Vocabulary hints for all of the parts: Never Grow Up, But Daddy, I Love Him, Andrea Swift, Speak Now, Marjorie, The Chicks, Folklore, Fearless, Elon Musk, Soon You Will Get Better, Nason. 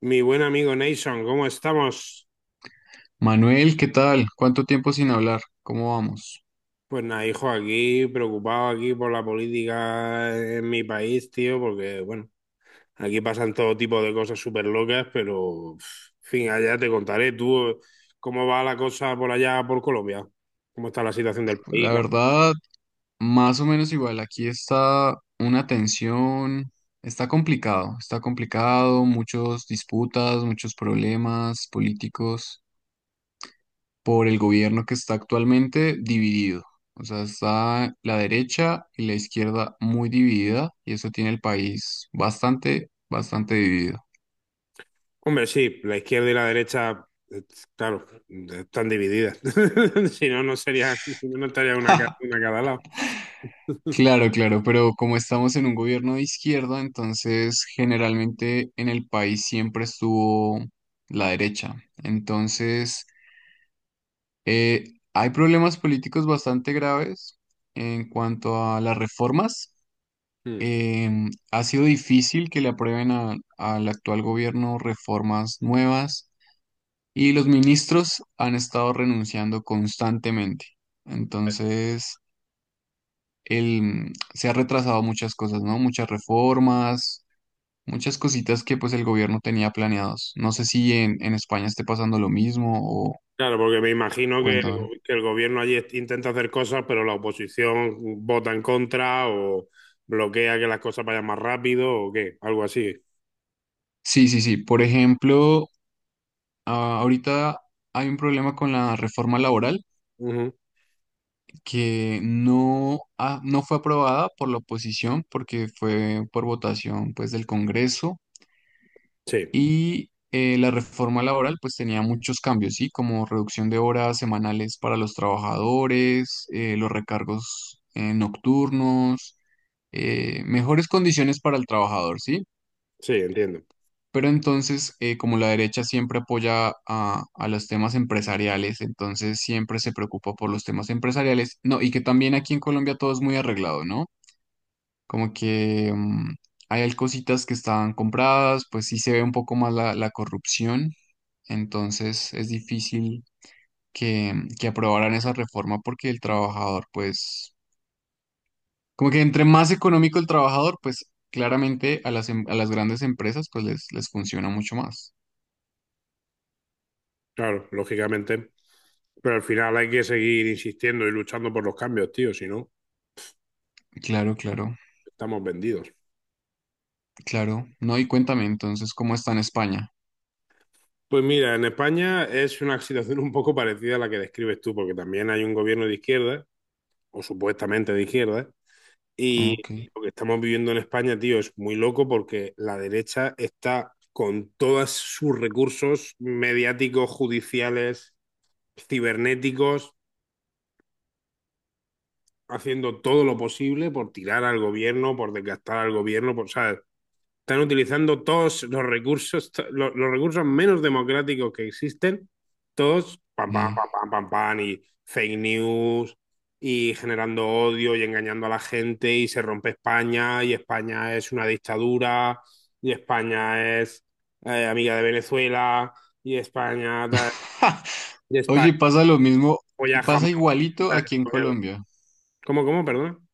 Mi buen amigo Nason, ¿cómo estamos? Manuel, ¿qué tal? ¿Cuánto tiempo sin hablar? ¿Cómo vamos? Pues nada, hijo, aquí preocupado aquí por la política en mi país, tío, porque bueno, aquí pasan todo tipo de cosas súper locas, pero en fin, allá te contaré tú cómo va la cosa por allá, por Colombia, cómo está la situación del país. La verdad, más o menos igual. Aquí está una tensión, está complicado, muchos disputas, muchos problemas políticos por el gobierno que está actualmente dividido. O sea, está la derecha y la izquierda muy dividida y eso tiene el país bastante, bastante dividido. Hombre, sí, la izquierda y la derecha, claro, están divididas. Si no, no sería, si no, no estaría una, una a cada lado. Claro, claro, pero como estamos en un gobierno de izquierda, entonces generalmente en el país siempre estuvo la derecha. Entonces, eh, hay problemas políticos bastante graves en cuanto a las reformas. Hmm. Ha sido difícil que le aprueben al actual gobierno reformas nuevas y los ministros han estado renunciando constantemente. Entonces el, se ha retrasado muchas cosas, ¿no? Muchas reformas, muchas cositas que pues el gobierno tenía planeados. No sé si en España esté pasando lo mismo o Claro, porque me imagino que cuéntame. Que el gobierno allí intenta hacer cosas, pero la oposición vota en contra o bloquea que las cosas vayan más rápido o qué, algo así. Sí, sí, sí. Por ejemplo, ahorita hay un problema con la reforma laboral Ujú. que no, no fue aprobada por la oposición porque fue por votación pues del Congreso. Sí, Y la reforma laboral pues tenía muchos cambios, ¿sí? Como reducción de horas semanales para los trabajadores, los recargos nocturnos, mejores condiciones para el trabajador, ¿sí? sí, entiendo. Pero entonces, como la derecha siempre apoya a los temas empresariales, entonces siempre se preocupa por los temas empresariales. No, y que también aquí en Colombia todo es muy arreglado, ¿no? Como que hay cositas que están compradas, pues sí se ve un poco más la corrupción, entonces es difícil que, que aprobaran esa reforma porque el trabajador, pues, como que entre más económico el trabajador, pues claramente a las, a las grandes empresas, pues les funciona mucho más. Claro, lógicamente. Pero al final hay que seguir insistiendo y luchando por los cambios, tío, si no, Claro, claro, estamos vendidos. claro. No, y cuéntame entonces cómo está en España. Pues mira, en España es una situación un poco parecida a la que describes tú, porque también hay un gobierno de izquierda, o supuestamente de izquierda, y Ok. lo que estamos viviendo en España, tío, es muy loco porque la derecha está con todos sus recursos mediáticos, judiciales, cibernéticos, haciendo todo lo posible por tirar al gobierno, por desgastar al gobierno, por, ¿sabes? Están utilizando todos los recursos, los recursos menos democráticos que existen, todos pam, pam, Sí. pam, pam, pam, pam, y fake news, y generando odio y engañando a la gente, y se rompe España, y España es una dictadura, y España es amiga de Venezuela, y España, y España Oye, pasa lo mismo, y apoya pasa jamás. igualito aquí en Colombia, ¿Cómo, cómo, perdón?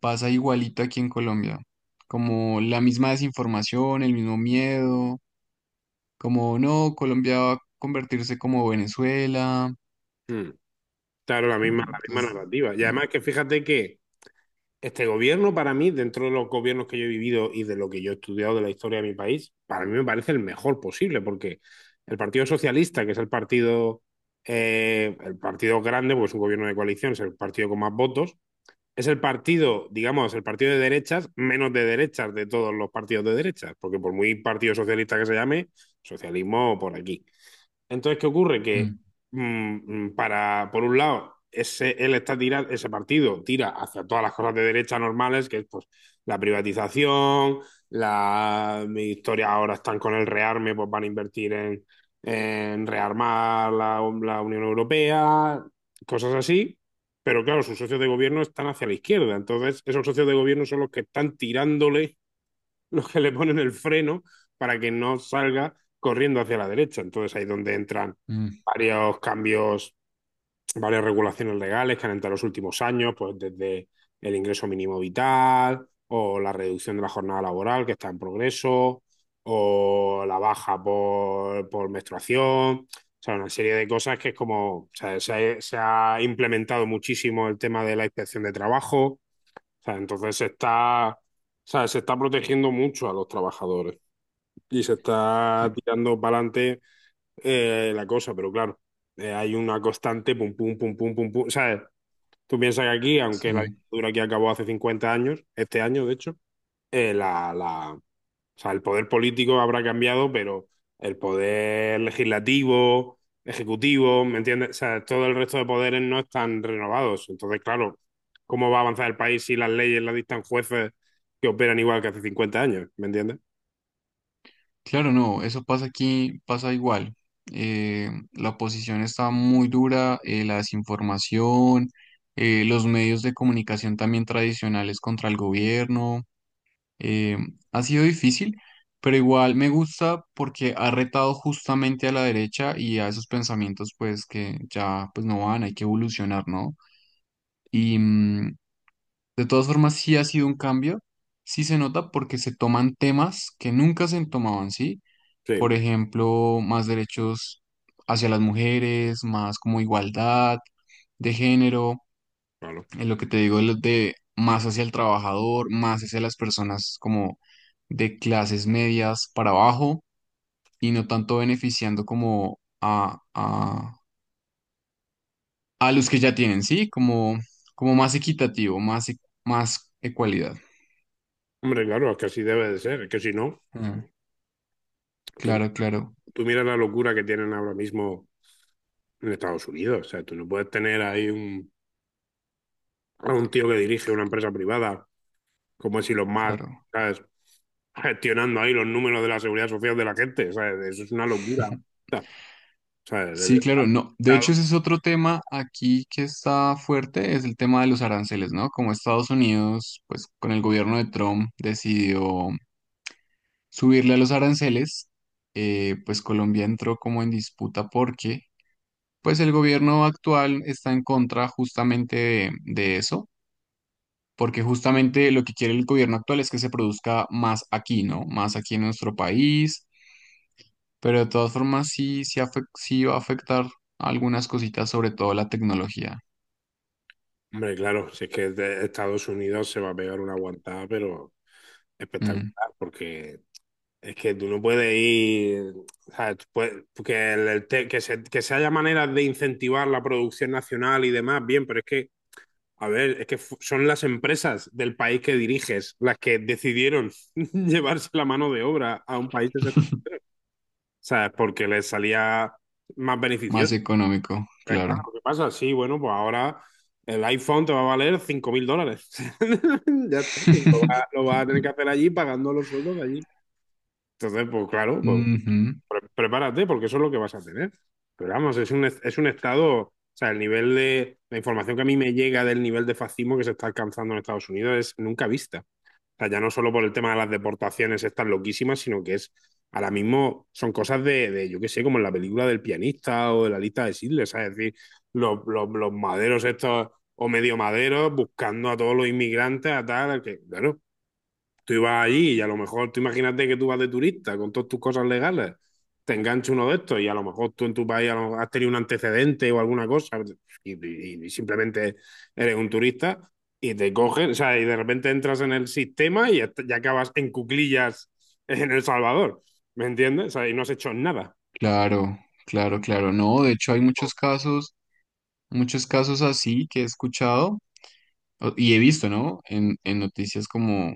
pasa igualito aquí en Colombia, como la misma desinformación, el mismo miedo, como no, Colombia va a convertirse como Venezuela. Mm, claro, la misma, mm, la misma entonces, narrativa. Y mm, además que fíjate que este gobierno, para mí, dentro de los gobiernos que yo he vivido y de lo que yo he estudiado de la historia de mi país, para mí me parece el mejor posible, porque el Partido Socialista, que es el partido grande, porque es un gobierno de coalición, es el partido con más votos, es el partido, digamos, el partido de derechas, menos de derechas de todos los partidos de derechas, porque por muy partido socialista que se llame, socialismo por aquí. Entonces, ¿qué ocurre? Que mm, por un lado, ese partido tira hacia todas las cosas de derecha normales, que es pues la privatización, la mi historia ahora están con el rearme, pues van a invertir en rearmar la Unión Europea, cosas así. Pero claro, sus socios de gobierno están hacia la izquierda. Entonces, esos socios de gobierno son los que están tirándole los que le ponen el freno para que no salga corriendo hacia la derecha. Entonces ahí es donde entran mm, varios cambios, varias regulaciones legales que han entrado en los últimos años, pues desde el ingreso mínimo vital o la reducción de la jornada laboral que está en progreso o la baja por menstruación. O sea, una serie de cosas que es como, o sea, se ha implementado muchísimo el tema de la inspección de trabajo, o sea, entonces se está, o sea, se está protegiendo mucho a los trabajadores y se está sí, tirando para adelante la cosa, pero claro, hay una constante pum, pum, pum, pum, pum, pum. ¿Sabes? Tú piensas que aquí, aunque la sí. dictadura aquí acabó hace 50 años, este año de hecho, eh, la, la, o sea, el poder político habrá cambiado, pero el poder legislativo, ejecutivo, ¿me entiendes? O sea, todo el resto de poderes no están renovados. Entonces, claro, ¿cómo va a avanzar el país si las leyes las dictan jueces que operan igual que hace 50 años? ¿Me entiendes? Claro, no, eso pasa aquí, pasa igual. La oposición está muy dura, la desinformación, los medios de comunicación también tradicionales contra el gobierno. eh, ha sido difícil, pero igual me gusta porque ha retado justamente a la derecha y a esos pensamientos pues que ya pues no van, hay que evolucionar, ¿no? Y de todas formas, sí ha sido un cambio, sí se nota porque se toman temas que nunca se tomaban, ¿sí? Sí, Por ejemplo, más derechos hacia las mujeres, más como igualdad de género, claro. en lo que te digo, lo de más hacia el trabajador, más hacia las personas como de clases medias para abajo y no tanto beneficiando como a los que ya tienen, ¿sí? Como, como más equitativo, más, más ecualidad. Hombre, claro, es que así debe de ser. Es que si no, Ah, tú, claro, claro, tú miras la locura que tienen ahora mismo en Estados Unidos. O sea, tú no puedes tener ahí a un tío que dirige una empresa privada como es Elon Musk, claro. ¿sabes? Gestionando ahí los números de la seguridad social de la gente, ¿sabes? Eso es una locura. ¿Sabes? Sí, claro, no. De Estado, hecho, ese es otro tema aquí que está fuerte, es el tema de los aranceles, ¿no? Como Estados Unidos, pues con el gobierno de Trump decidió subirle a los aranceles, pues Colombia entró como en disputa porque, pues el gobierno actual está en contra justamente de eso, porque justamente lo que quiere el gobierno actual es que se produzca más aquí, ¿no? Más aquí en nuestro país. Pero de todas formas sí, sí, sí va a afectar algunas cositas, sobre todo la tecnología. hombre, claro, si es que de Estados Unidos se va a pegar una aguantada, pero espectacular, Mm, porque es que tú no puedes ir, ¿sabes? Tú puedes- que, el te- que se haya maneras de incentivar la producción nacional y demás, bien, pero es que, a ver, es que son las empresas del país que diriges las que decidieron llevarse la mano de obra a un país sea, porque les salía más Más beneficioso. económico, Pues claro. claro, ¿qué pasa? Sí, bueno, pues ahora el iPhone te va a valer 5.000 dólares. Ya está, pues lo vas a tener que hacer allí pagando los sueldos de allí. Entonces, pues claro, pues, Ujú. Prepárate porque eso es lo que vas a tener. Pero vamos, es un, estado, o sea, el nivel de, la información que a mí me llega del nivel de fascismo que se está alcanzando en Estados Unidos es nunca vista. O sea, ya no solo por el tema de las deportaciones estas loquísimas, sino que es ahora mismo son cosas de yo qué sé, como en la película del pianista o de la lista de Sidles, ¿sabes? Es decir, los maderos estos o medio maderos buscando a todos los inmigrantes, a tal, que claro, tú ibas allí y a lo mejor, tú imagínate que tú vas de turista con todas tus cosas legales, te engancha uno de estos y a lo mejor tú en tu país has tenido un antecedente o alguna cosa y simplemente eres un turista y te cogen, o sea, y de repente entras en el sistema y ya acabas en cuclillas en El Salvador, ¿me entiendes? O sea, y no has hecho nada. Claro, claro, claro. No, de hecho hay muchos casos así que he escuchado y he visto, ¿no? En noticias como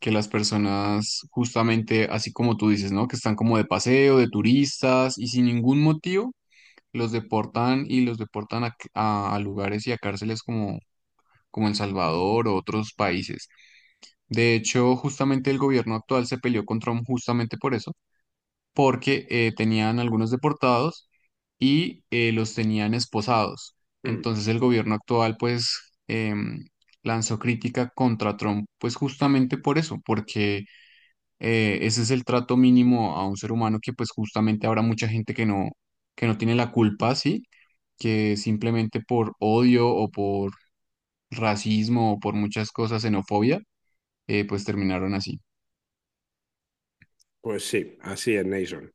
que las personas justamente, así como tú dices, ¿no? Que están como de paseo, de turistas y sin ningún motivo los deportan y los deportan a lugares y a cárceles como, como El Salvador o otros países. De hecho, justamente el gobierno actual se peleó con Trump justamente por eso, porque tenían algunos deportados y los tenían esposados. Mm. Entonces el gobierno actual pues lanzó crítica contra Trump pues justamente por eso, porque ese es el trato mínimo a un ser humano que pues justamente habrá mucha gente que no tiene la culpa, ¿sí? Que simplemente por odio o por racismo o por muchas cosas, xenofobia, pues terminaron así. Pues sí, así es, Nason.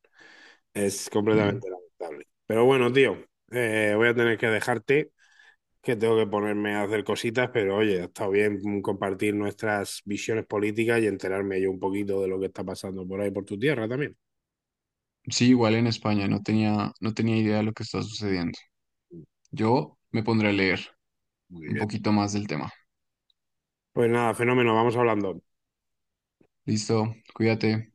Es Mm. completamente lamentable. Pero bueno, tío, voy a tener que dejarte que tengo que ponerme a hacer cositas, pero oye, ha estado bien compartir nuestras visiones políticas y enterarme yo un poquito de lo que está pasando por ahí, por tu tierra también. Sí, igual en España, no tenía, no tenía idea de lo que está sucediendo. Yo me pondré a leer Muy un bien. poquito más del tema. Pues nada, fenómeno, vamos hablando. Listo, cuídate.